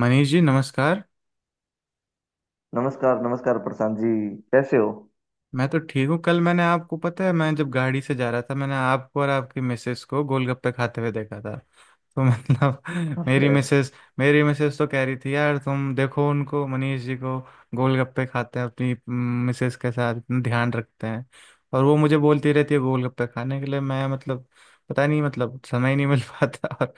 मनीष जी नमस्कार। नमस्कार, नमस्कार प्रशांत जी। कैसे हो? मैं तो ठीक हूँ। कल मैंने आपको पता है, मैं जब गाड़ी से जा रहा था, मैंने आपको और आपकी मिसेस को गोलगप्पे खाते हुए देखा था। तो मतलब मेरी अरे मिसेस मेरी मिसेस तो कह रही थी, यार तुम देखो उनको, मनीष जी को गोलगप्पे खाते हैं अपनी मिसेस के साथ, इतना ध्यान रखते हैं। और वो मुझे बोलती रहती है गोलगप्पे खाने के लिए। मैं मतलब पता नहीं, मतलब समय ही नहीं मिल पाता, और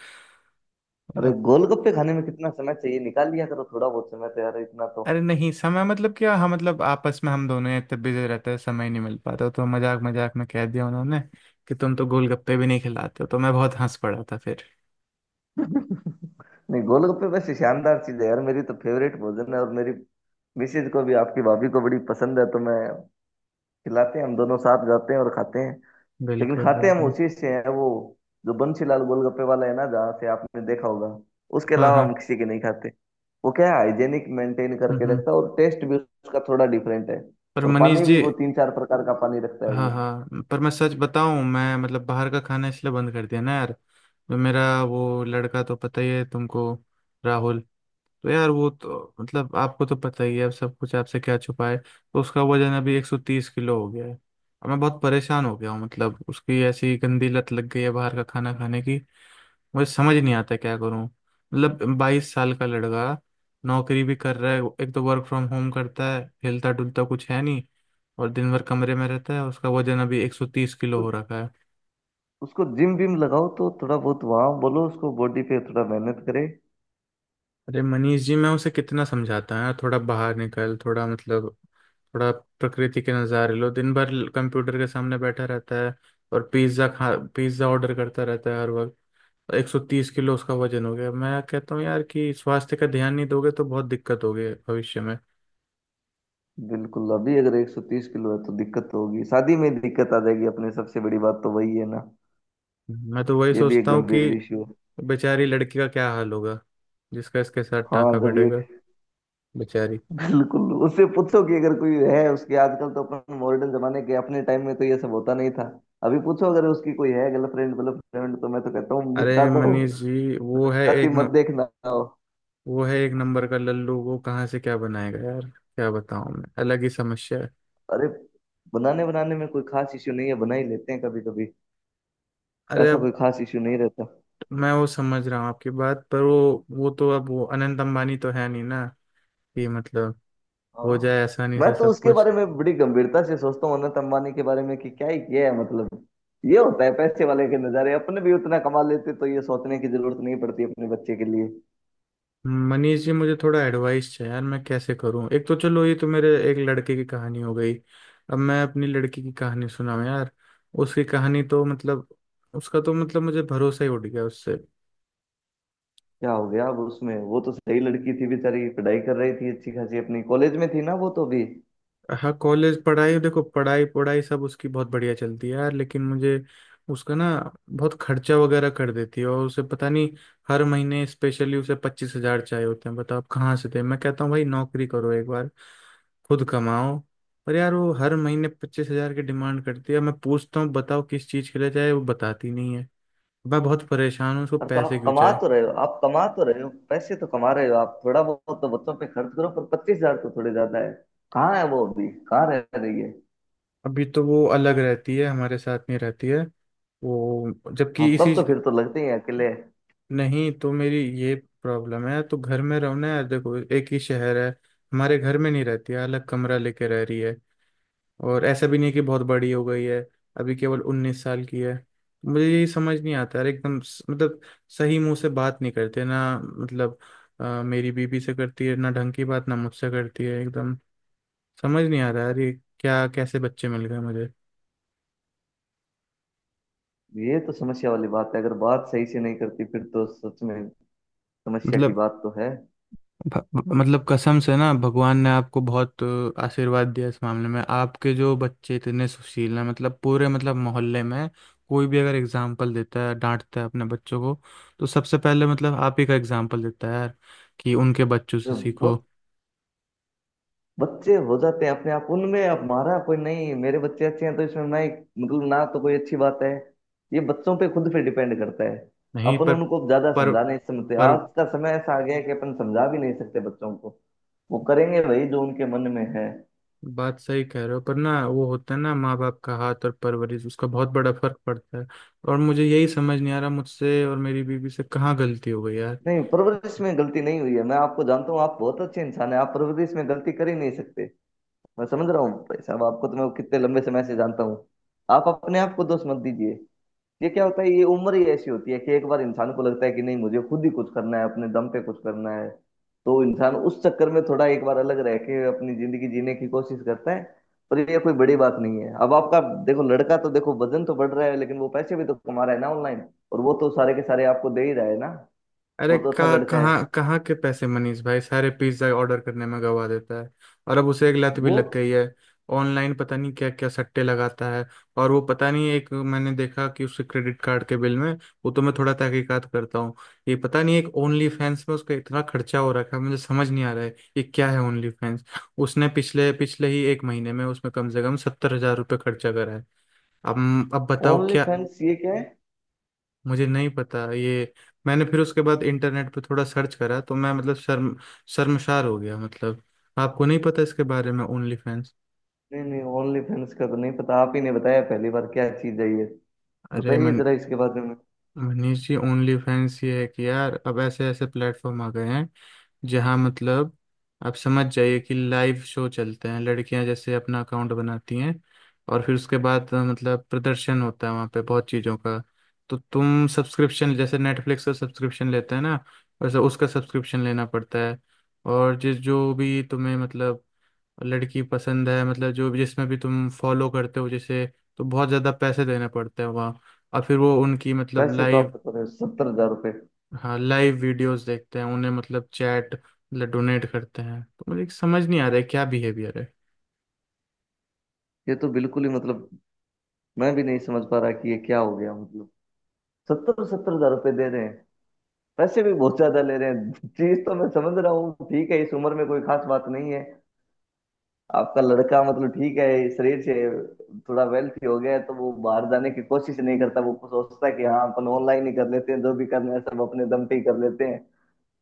अरे मतलब। गोलगप्पे खाने में कितना समय चाहिए? निकाल लिया करो थोड़ा बहुत समय तो, यार इतना तो। अरे नहीं, समय मतलब क्या? हाँ मतलब आपस में हम दोनों ही इतने बिजी रहते हैं, समय नहीं मिल पाता। तो मजाक मजाक में कह दिया उन्होंने कि तुम तो गोलगप्पे भी नहीं खिलाते हो। तो मैं बहुत हंस पड़ा था फिर। नहीं, गोलगप्पे वैसे शानदार चीज है यार, मेरी तो फेवरेट भोजन है। और मेरी मिसेज को भी, आपकी भाभी को बड़ी पसंद है, तो मैं खिलाते हैं, हम दोनों साथ जाते हैं और खाते हैं। लेकिन बिल्कुल खाते हम बिल्कुल। उसी से हैं, वो जो बंसीलाल गोलगप्पे वाला है ना, जहाँ से आपने देखा होगा। उसके हाँ अलावा हाँ। हम किसी के नहीं खाते। वो क्या है, हाइजेनिक मेंटेन हम्म करके हम्म। रखता है, और टेस्ट भी उसका थोड़ा डिफरेंट है। पर और मनीष पानी भी जी, वो तीन चार प्रकार का पानी रखता है हाँ वो। हाँ, पर मैं सच बताऊं, मैं मतलब बाहर का खाना इसलिए बंद कर दिया ना यार। जो मेरा वो लड़का तो पता ही है तुमको, राहुल। तो यार वो तो मतलब आपको तो पता ही है, अब सब कुछ आपसे क्या छुपा है, तो उसका वजन अभी 130 किलो हो गया है। अब मैं बहुत परेशान हो गया हूँ, मतलब उसकी ऐसी गंदी लत लग गई है बाहर का खाना खाने की। मुझे समझ नहीं आता क्या करूँ, मतलब 22 साल का लड़का, नौकरी भी कर रहा है। एक तो वर्क फ्रॉम होम करता है, हिलता डुलता कुछ है नहीं, और दिन भर कमरे में रहता है। उसका वजन अभी एक सौ तीस किलो तो हो रखा है। उसको जिम विम लगाओ तो थोड़ा बहुत, वहां बोलो उसको बॉडी पे थोड़ा मेहनत करे। अरे मनीष जी, मैं उसे कितना समझाता है, थोड़ा बाहर निकल, थोड़ा मतलब थोड़ा प्रकृति के नज़ारे लो। दिन भर कंप्यूटर के सामने बैठा रहता है और पिज्ज़ा खा, पिज्ज़ा ऑर्डर करता रहता है हर वक्त। 130 किलो उसका वजन हो गया, मैं कहता हूँ यार कि स्वास्थ्य का ध्यान नहीं दोगे तो बहुत दिक्कत होगी भविष्य में। बिल्कुल, अभी अगर 130 किलो है तो दिक्कत तो होगी। शादी में दिक्कत आ जाएगी अपने, सबसे बड़ी बात तो वही है ना। मैं तो वही ये भी एक सोचता हूँ कि गंभीर इश्यू है। बेचारी लड़की का क्या हाल होगा जिसका इसके साथ हाँ, टांका जब ये, भिड़ेगा, बेचारी। बिल्कुल उससे पूछो कि अगर कोई है उसके। आजकल तो अपन मॉडर्न जमाने के, अपने टाइम में तो ये सब होता नहीं था। अभी पूछो अगर उसकी कोई है गर्लफ्रेंड, गर्लफ्रेंड तो मैं तो कहता हूँ अरे निपटा दो। मनीष जी, वो है जाति एक मत न, देखना हो। वो है एक नंबर का लल्लू, वो कहाँ से क्या बनाएगा यार? क्या बताऊं, मैं अलग ही समस्या है। अरे, बनाने बनाने में कोई खास इश्यू नहीं है, बना ही लेते हैं कभी कभी। अरे ऐसा कोई अब खास इश्यू नहीं रहता। मैं वो समझ रहा हूँ आपकी बात, पर वो तो अब वो अनंत अंबानी तो है नहीं ना, कि मतलब हो हाँ, जाए आसानी मैं से तो सब उसके कुछ। बारे में बड़ी गंभीरता से सोचता हूँ, अनंत अंबानी के बारे में कि क्या ही किया है, ये होता है पैसे वाले के नजारे। अपने भी उतना कमा लेते तो ये सोचने की जरूरत नहीं पड़ती अपने बच्चे के लिए। मनीष जी, मुझे थोड़ा एडवाइस चाहिए यार, मैं कैसे करूँ? एक तो चलो, ये तो मेरे एक लड़के की कहानी हो गई, अब मैं अपनी लड़की की कहानी सुनाऊँ यार। उसकी कहानी तो मतलब, उसका तो मतलब मुझे भरोसा ही उठ गया उससे। क्या हो गया अब उसमें? वो तो सही लड़की थी बेचारी, पढ़ाई कर रही थी अच्छी खासी अपनी कॉलेज में थी ना, वो तो भी। हाँ, कॉलेज पढ़ाई, देखो पढ़ाई पढ़ाई सब उसकी बहुत बढ़िया चलती है यार, लेकिन मुझे उसका ना, बहुत खर्चा वगैरह कर देती है और उसे पता नहीं। हर महीने स्पेशली उसे 25,000 चाहिए होते हैं। बताओ आप कहाँ से दे? मैं कहता हूँ भाई नौकरी करो एक बार, खुद कमाओ। पर यार वो हर महीने 25,000 की डिमांड करती है। मैं पूछता हूँ बताओ किस चीज़ के लिए चाहिए, वो बताती नहीं है। मैं बहुत परेशान हूँ उसको और तो पैसे आप क्यों कमा चाहिए। तो रहे हो, आप कमा तो रहे हो, पैसे तो कमा रहे हो, आप थोड़ा बहुत तो बच्चों पे खर्च करो। पर पच्चीस हजार तो थोड़े ज्यादा है। कहाँ है वो अभी, कहाँ रह रही है? अभी तो वो अलग रहती है, हमारे साथ नहीं रहती है। वो हाँ, जबकि तब इसी, तो फिर तो लगते ही हैं अकेले। नहीं तो मेरी ये प्रॉब्लम है, तो घर में रहो ना यार, देखो एक ही शहर है। हमारे घर में नहीं रहती है, अलग कमरा लेके रह रही है। और ऐसा भी नहीं है कि बहुत बड़ी हो गई है, अभी केवल 19 साल की है। मुझे यही समझ नहीं आता यार, मतलब सही मुंह से बात नहीं करते ना, मतलब मेरी बीबी से करती है ना ढंग की बात, ना मुझसे करती है एकदम। समझ नहीं आ रहा यार ये क्या, कैसे बच्चे मिल गए मुझे। ये तो समस्या वाली बात है। अगर बात सही से नहीं करती फिर तो सच में समस्या की मतलब बात तो है। भ- मतलब कसम से ना, भगवान ने आपको बहुत आशीर्वाद दिया इस मामले में। आपके जो बच्चे इतने सुशील हैं, मतलब पूरे मतलब मोहल्ले में कोई भी अगर एग्जाम्पल देता है, डांटता है अपने बच्चों को, तो सबसे पहले मतलब आप ही का एग्जाम्पल देता है यार, कि उनके बच्चों से तो वो सीखो। बच्चे हो जाते हैं अपने आप, उनमें हमारा कोई नहीं। मेरे बच्चे अच्छे हैं तो इसमें ना एक, ना तो कोई अच्छी बात है। ये बच्चों पे खुद पे डिपेंड करता है। नहीं, अपन पर उनको ज्यादा पर समझा नहीं, समझते पर आज का समय ऐसा आ गया है कि अपन समझा भी नहीं सकते बच्चों को। वो करेंगे वही जो उनके मन में है। बात सही कह रहे हो, पर ना वो होता है ना माँ बाप का हाथ और परवरिश, उसका बहुत बड़ा फर्क पड़ता है। और मुझे यही समझ नहीं आ रहा, मुझसे और मेरी बीवी से कहाँ गलती हो गई यार। नहीं, परवरिश में गलती नहीं हुई है। मैं आपको जानता हूँ, आप बहुत अच्छे इंसान हैं, आप परवरिश में गलती कर ही नहीं सकते। मैं समझ रहा हूँ भाई साहब, आपको तो मैं कितने लंबे समय से जानता हूँ। आप अपने आप को दोष मत दीजिए। ये क्या होता है, ये उम्र ही ऐसी होती है कि एक बार इंसान को लगता है कि नहीं, मुझे खुद ही कुछ करना है, अपने दम पे कुछ करना है। तो इंसान उस चक्कर में थोड़ा एक बार अलग रह के अपनी जिंदगी जीने की कोशिश करता है। पर ये कोई बड़ी बात नहीं है। अब आपका देखो लड़का तो, देखो वजन तो बढ़ रहा है, लेकिन वो पैसे भी तो कमा रहा है ना ऑनलाइन, और वो तो सारे के सारे आपको दे ही रहा है ना। अरे वो तो अच्छा कहाँ लड़का कहाँ है। कहाँ के पैसे मनीष भाई, सारे पिज्ज़ा ऑर्डर करने में गवा देता है। और अब उसे एक लत भी वो लग गई है, ऑनलाइन पता नहीं क्या क्या सट्टे लगाता है। और वो पता नहीं, एक मैंने देखा कि उसके क्रेडिट कार्ड के बिल में, वो तो मैं थोड़ा तहकीकात करता हूँ, ये पता नहीं एक ओनली फैंस में उसका इतना खर्चा हो रखा है। मुझे समझ नहीं आ रहा है ये क्या है ओनली फैंस। उसने पिछले पिछले ही एक महीने में उसमें कम से कम 70,000 रुपये खर्चा करा है। अब बताओ ओनली क्या। फैंस ये क्या है? मुझे नहीं पता ये। मैंने फिर उसके बाद इंटरनेट पे थोड़ा सर्च करा, तो मैं मतलब शर्मशार हो गया मतलब। आपको नहीं पता इसके बारे में ओनली फैंस? नहीं नहीं, ओनली फैंस का तो नहीं पता, आप ही ने बताया पहली बार, क्या चीज है ये? अरे बताइए मन जरा इसके बारे में। अवनीश जी, ओनली फैंस ये है कि यार अब ऐसे ऐसे प्लेटफॉर्म आ गए हैं, जहां मतलब, आप समझ जाइए कि लाइव शो चलते हैं। लड़कियां जैसे अपना अकाउंट बनाती हैं, और फिर उसके बाद मतलब प्रदर्शन होता है वहां पे बहुत चीज़ों का। तो तुम सब्सक्रिप्शन, जैसे नेटफ्लिक्स का सब्सक्रिप्शन लेते हैं ना, वैसे उसका सब्सक्रिप्शन लेना पड़ता है। और जिस जो भी तुम्हें मतलब लड़की पसंद है, मतलब जो भी जिसमें भी तुम फॉलो करते हो जैसे, तो बहुत ज़्यादा पैसे देने पड़ते हैं वहाँ। और फिर वो उनकी मतलब पैसे तो लाइव, आपके तो सत्तर हजार रुपये! हाँ लाइव वीडियोस देखते हैं, उन्हें मतलब चैट मतलब डोनेट करते हैं। तो मुझे समझ नहीं आ रहा है क्या बिहेवियर है। ये तो बिल्कुल ही मैं भी नहीं समझ पा रहा कि ये क्या हो गया, सत्तर सत्तर हजार रुपये दे रहे हैं, पैसे भी बहुत ज्यादा ले रहे हैं। चीज तो मैं समझ रहा हूँ, ठीक है, इस उम्र में कोई खास बात नहीं है। आपका लड़का, ठीक है, शरीर से थोड़ा वेल्थी हो गया है, तो वो बाहर जाने की कोशिश नहीं करता, वो सोचता है कि हाँ अपन ऑनलाइन ही कर लेते हैं, जो भी करना है सब अपने दम पे ही कर लेते हैं।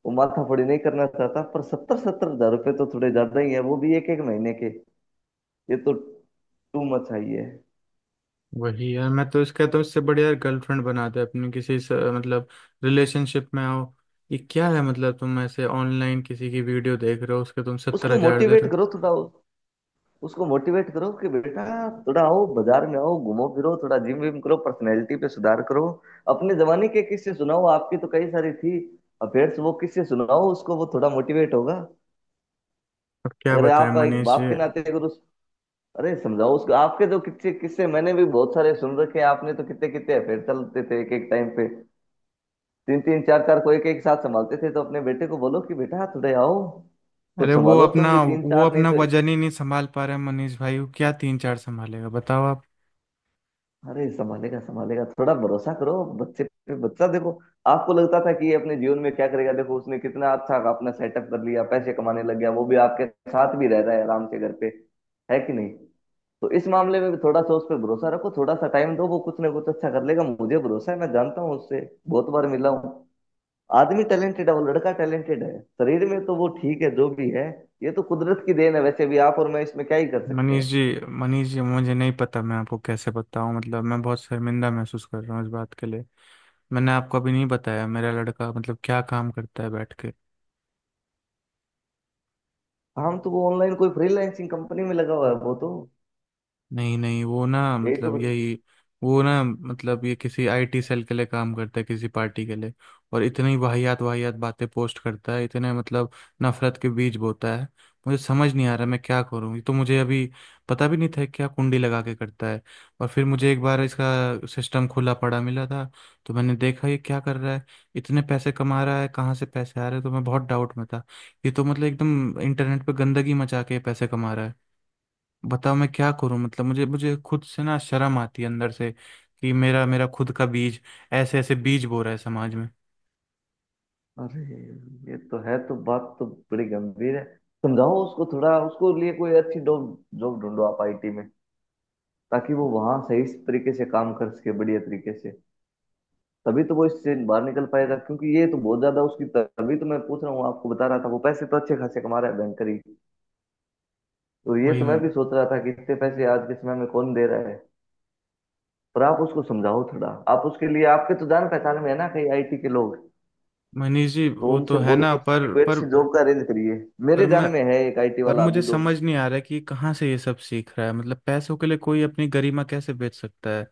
वो माथापड़ी नहीं करना चाहता। पर सत्तर सत्तर हजार रुपये तो थोड़े ज्यादा ही है, वो भी एक एक महीने के। ये तो टू मच है। वही यार, मैं तो इसका, तो इससे बढ़िया यार गर्लफ्रेंड बना दे अपनी किसी से, मतलब रिलेशनशिप में हो। ये क्या है मतलब, तुम ऐसे ऑनलाइन किसी की वीडियो देख रहे हो, उसके तुम सत्तर उसको हजार दे रहे मोटिवेट हो। करो थोड़ा, उसको मोटिवेट करो कि बेटा थोड़ा आओ बाजार में, आओ घूमो फिरो, थोड़ा जिम विम करो, पर्सनैलिटी पे सुधार करो। अपने जमाने के किस्से सुनाओ, आपकी तो कई सारी थी अफेयर्स, वो किससे सुनाओ उसको, वो थोड़ा मोटिवेट होगा। अब क्या अगर बताएं आप एक मनीष बाप जी। के नाते अगर उस, अरे समझाओ उसको आपके जो किस्से किस्से, मैंने भी बहुत सारे सुन रखे हैं। आपने तो कितने कितने अफेयर चलते थे एक एक टाइम पे, तीन तीन चार चार को एक एक साथ संभालते थे। तो अपने बेटे को बोलो कि बेटा थोड़े आओ, कुछ अरे वो संभालो तुम अपना भी, तीन वो चार नहीं अपना तो। वजन ही नहीं संभाल पा रहे हैं मनीष भाई, वो क्या तीन चार संभालेगा बताओ आप। अरे, संभालेगा संभालेगा, थोड़ा भरोसा करो बच्चे पे। बच्चा देखो, आपको लगता था कि ये अपने जीवन में क्या करेगा, देखो उसने कितना अच्छा अपना सेटअप कर लिया, पैसे कमाने लग गया, वो भी आपके साथ भी रह रहा है आराम से घर पे, है कि नहीं? तो इस मामले में भी थोड़ा सा उस पर भरोसा रखो, थोड़ा सा टाइम दो, वो कुछ ना कुछ अच्छा कर लेगा, मुझे भरोसा है। मैं जानता हूँ उससे बहुत बार मिला हूँ, आदमी टैलेंटेड है, वो लड़का टैलेंटेड है। शरीर में तो वो ठीक है जो भी है, ये तो कुदरत की देन है, वैसे भी आप और मैं इसमें क्या ही कर सकते मनीष हैं। जी मनीष जी, मुझे नहीं पता मैं आपको कैसे बताऊं मतलब, मैं बहुत शर्मिंदा महसूस कर रहा हूँ इस बात के लिए। मैंने आपको अभी नहीं बताया मेरा लड़का मतलब क्या काम करता है बैठ के। हम तो वो ऑनलाइन कोई फ्रीलांसिंग कंपनी में लगा हुआ है वो तो, नहीं नहीं, वो ना यही तो। मतलब यही, वो ना मतलब ये किसी आईटी सेल के लिए काम करता है, किसी पार्टी के लिए। और इतनी वाहियात वाहियात बातें पोस्ट करता है, इतने मतलब नफरत के बीज बोता है। मुझे समझ नहीं आ रहा मैं क्या करूं, ये तो मुझे अभी पता भी नहीं था क्या कुंडी लगा के करता है। और फिर मुझे एक बार इसका सिस्टम खुला पड़ा मिला था, तो मैंने देखा ये क्या कर रहा है, इतने पैसे कमा रहा है, कहाँ से पैसे आ रहे हैं, तो मैं बहुत डाउट में था। ये तो मतलब एकदम इंटरनेट पे गंदगी मचा के पैसे कमा रहा है। बताओ मैं क्या करूं मतलब, मुझे मुझे खुद से ना शर्म आती है अंदर से, कि मेरा मेरा खुद का बीज ऐसे ऐसे बीज बो रहा है समाज में। अरे ये तो है, तो बात तो बड़ी गंभीर है। समझाओ उसको थोड़ा, उसको लिए कोई अच्छी जॉब जॉब ढूंढो आप आईटी में, ताकि वो वहां सही तरीके से काम कर सके, बढ़िया तरीके से। तभी तो वो इससे बाहर निकल पाएगा, क्योंकि ये तो बहुत ज्यादा उसकी, तभी तो मैं पूछ रहा हूँ, आपको बता रहा था, वो पैसे तो अच्छे खासे कमा रहा है बैंकर ही, तो ये वही। तो मैं भी सोच रहा था कि इतने पैसे आज के समय में कौन दे रहा है। पर आप उसको समझाओ थोड़ा, आप उसके लिए, आपके तो जान पहचान में है ना कई आईटी के लोग, मनीष जी तो वो उनसे तो है बोल के ना, उसके लिए पर कोई पर अच्छी जॉब का अरेंज करिए। मेरे पर मैं जान में है एक आईटी पर वाला अभी मुझे दोस्त। समझ नहीं आ रहा है कि कहाँ से ये सब सीख रहा है। मतलब पैसों के लिए कोई अपनी गरिमा कैसे बेच सकता है?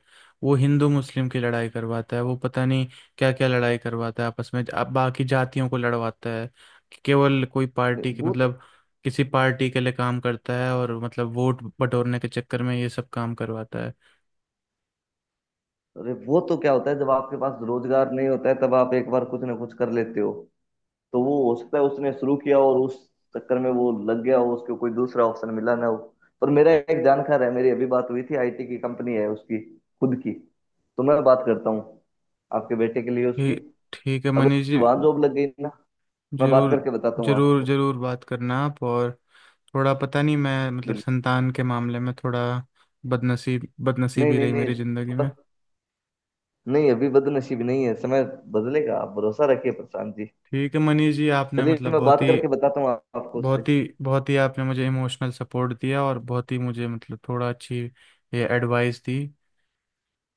वो हिंदू मुस्लिम की लड़ाई करवाता है, वो पता नहीं क्या क्या लड़ाई करवाता है आपस में, अब बाकी जातियों को लड़वाता है। कि केवल कोई नहीं, पार्टी की वो तो, मतलब, किसी पार्टी के लिए काम करता है, और मतलब वोट बटोरने के चक्कर में ये सब काम करवाता है। अरे वो तो क्या होता है जब आपके पास रोजगार नहीं होता है, तब आप एक बार कुछ ना कुछ कर लेते हो। तो वो हो सकता है उसने शुरू किया और उस चक्कर में वो लग गया हो, उसको कोई दूसरा ऑप्शन मिला ना हो। पर मेरा एक जानकार है, मेरी अभी बात हुई थी, आईटी की कंपनी है उसकी खुद की, तो मैं बात करता हूँ आपके बेटे के लिए उसकी। ठी- ठीक है अगर मनीष उसकी जी। वहां जॉब लग गई ना, मैं बात जरूर करके बताता हूँ जरूर आपको। जरूर बात करना आप। और थोड़ा पता नहीं, मैं मतलब बिल्कुल, संतान के मामले में थोड़ा नहीं बदनसीबी नहीं रही नहीं, मेरी ज़िंदगी थोड़ा, में। नहीं अभी बदनसीब नहीं है, समय बदलेगा, आप भरोसा रखिए प्रशांत जी। ठीक है मनीष जी, आपने चलिए मतलब मैं बहुत बात ही करके बताता हूँ आपको उससे। बहुत ही बहुत ही आपने मुझे इमोशनल सपोर्ट दिया, और बहुत ही मुझे मतलब थोड़ा अच्छी ये एडवाइस दी।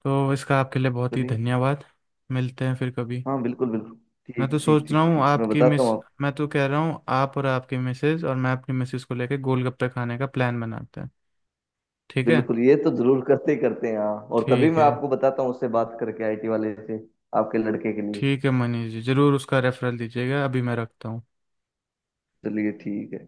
तो इसका आपके लिए बहुत ही चलिए, धन्यवाद। मिलते हैं फिर कभी। हाँ बिल्कुल बिल्कुल। मैं ठीक तो ठीक सोच रहा ठीक हूँ ठीक, मैं आपकी बताता मिस हूँ आप। मैं तो कह रहा हूँ आप और आपकी मिसेज और मैं अपनी मिसेज को लेकर गोलगप्पे खाने का प्लान बनाते हैं, ठीक है? बिल्कुल, ये तो जरूर करते ही करते हैं हाँ। और तभी ठीक मैं है। आपको बताता हूँ उससे बात करके आईटी वाले से आपके लड़के के लिए। ठीक है मनीष जी, ज़रूर उसका रेफरल दीजिएगा। अभी मैं रखता हूँ। चलिए ठीक है।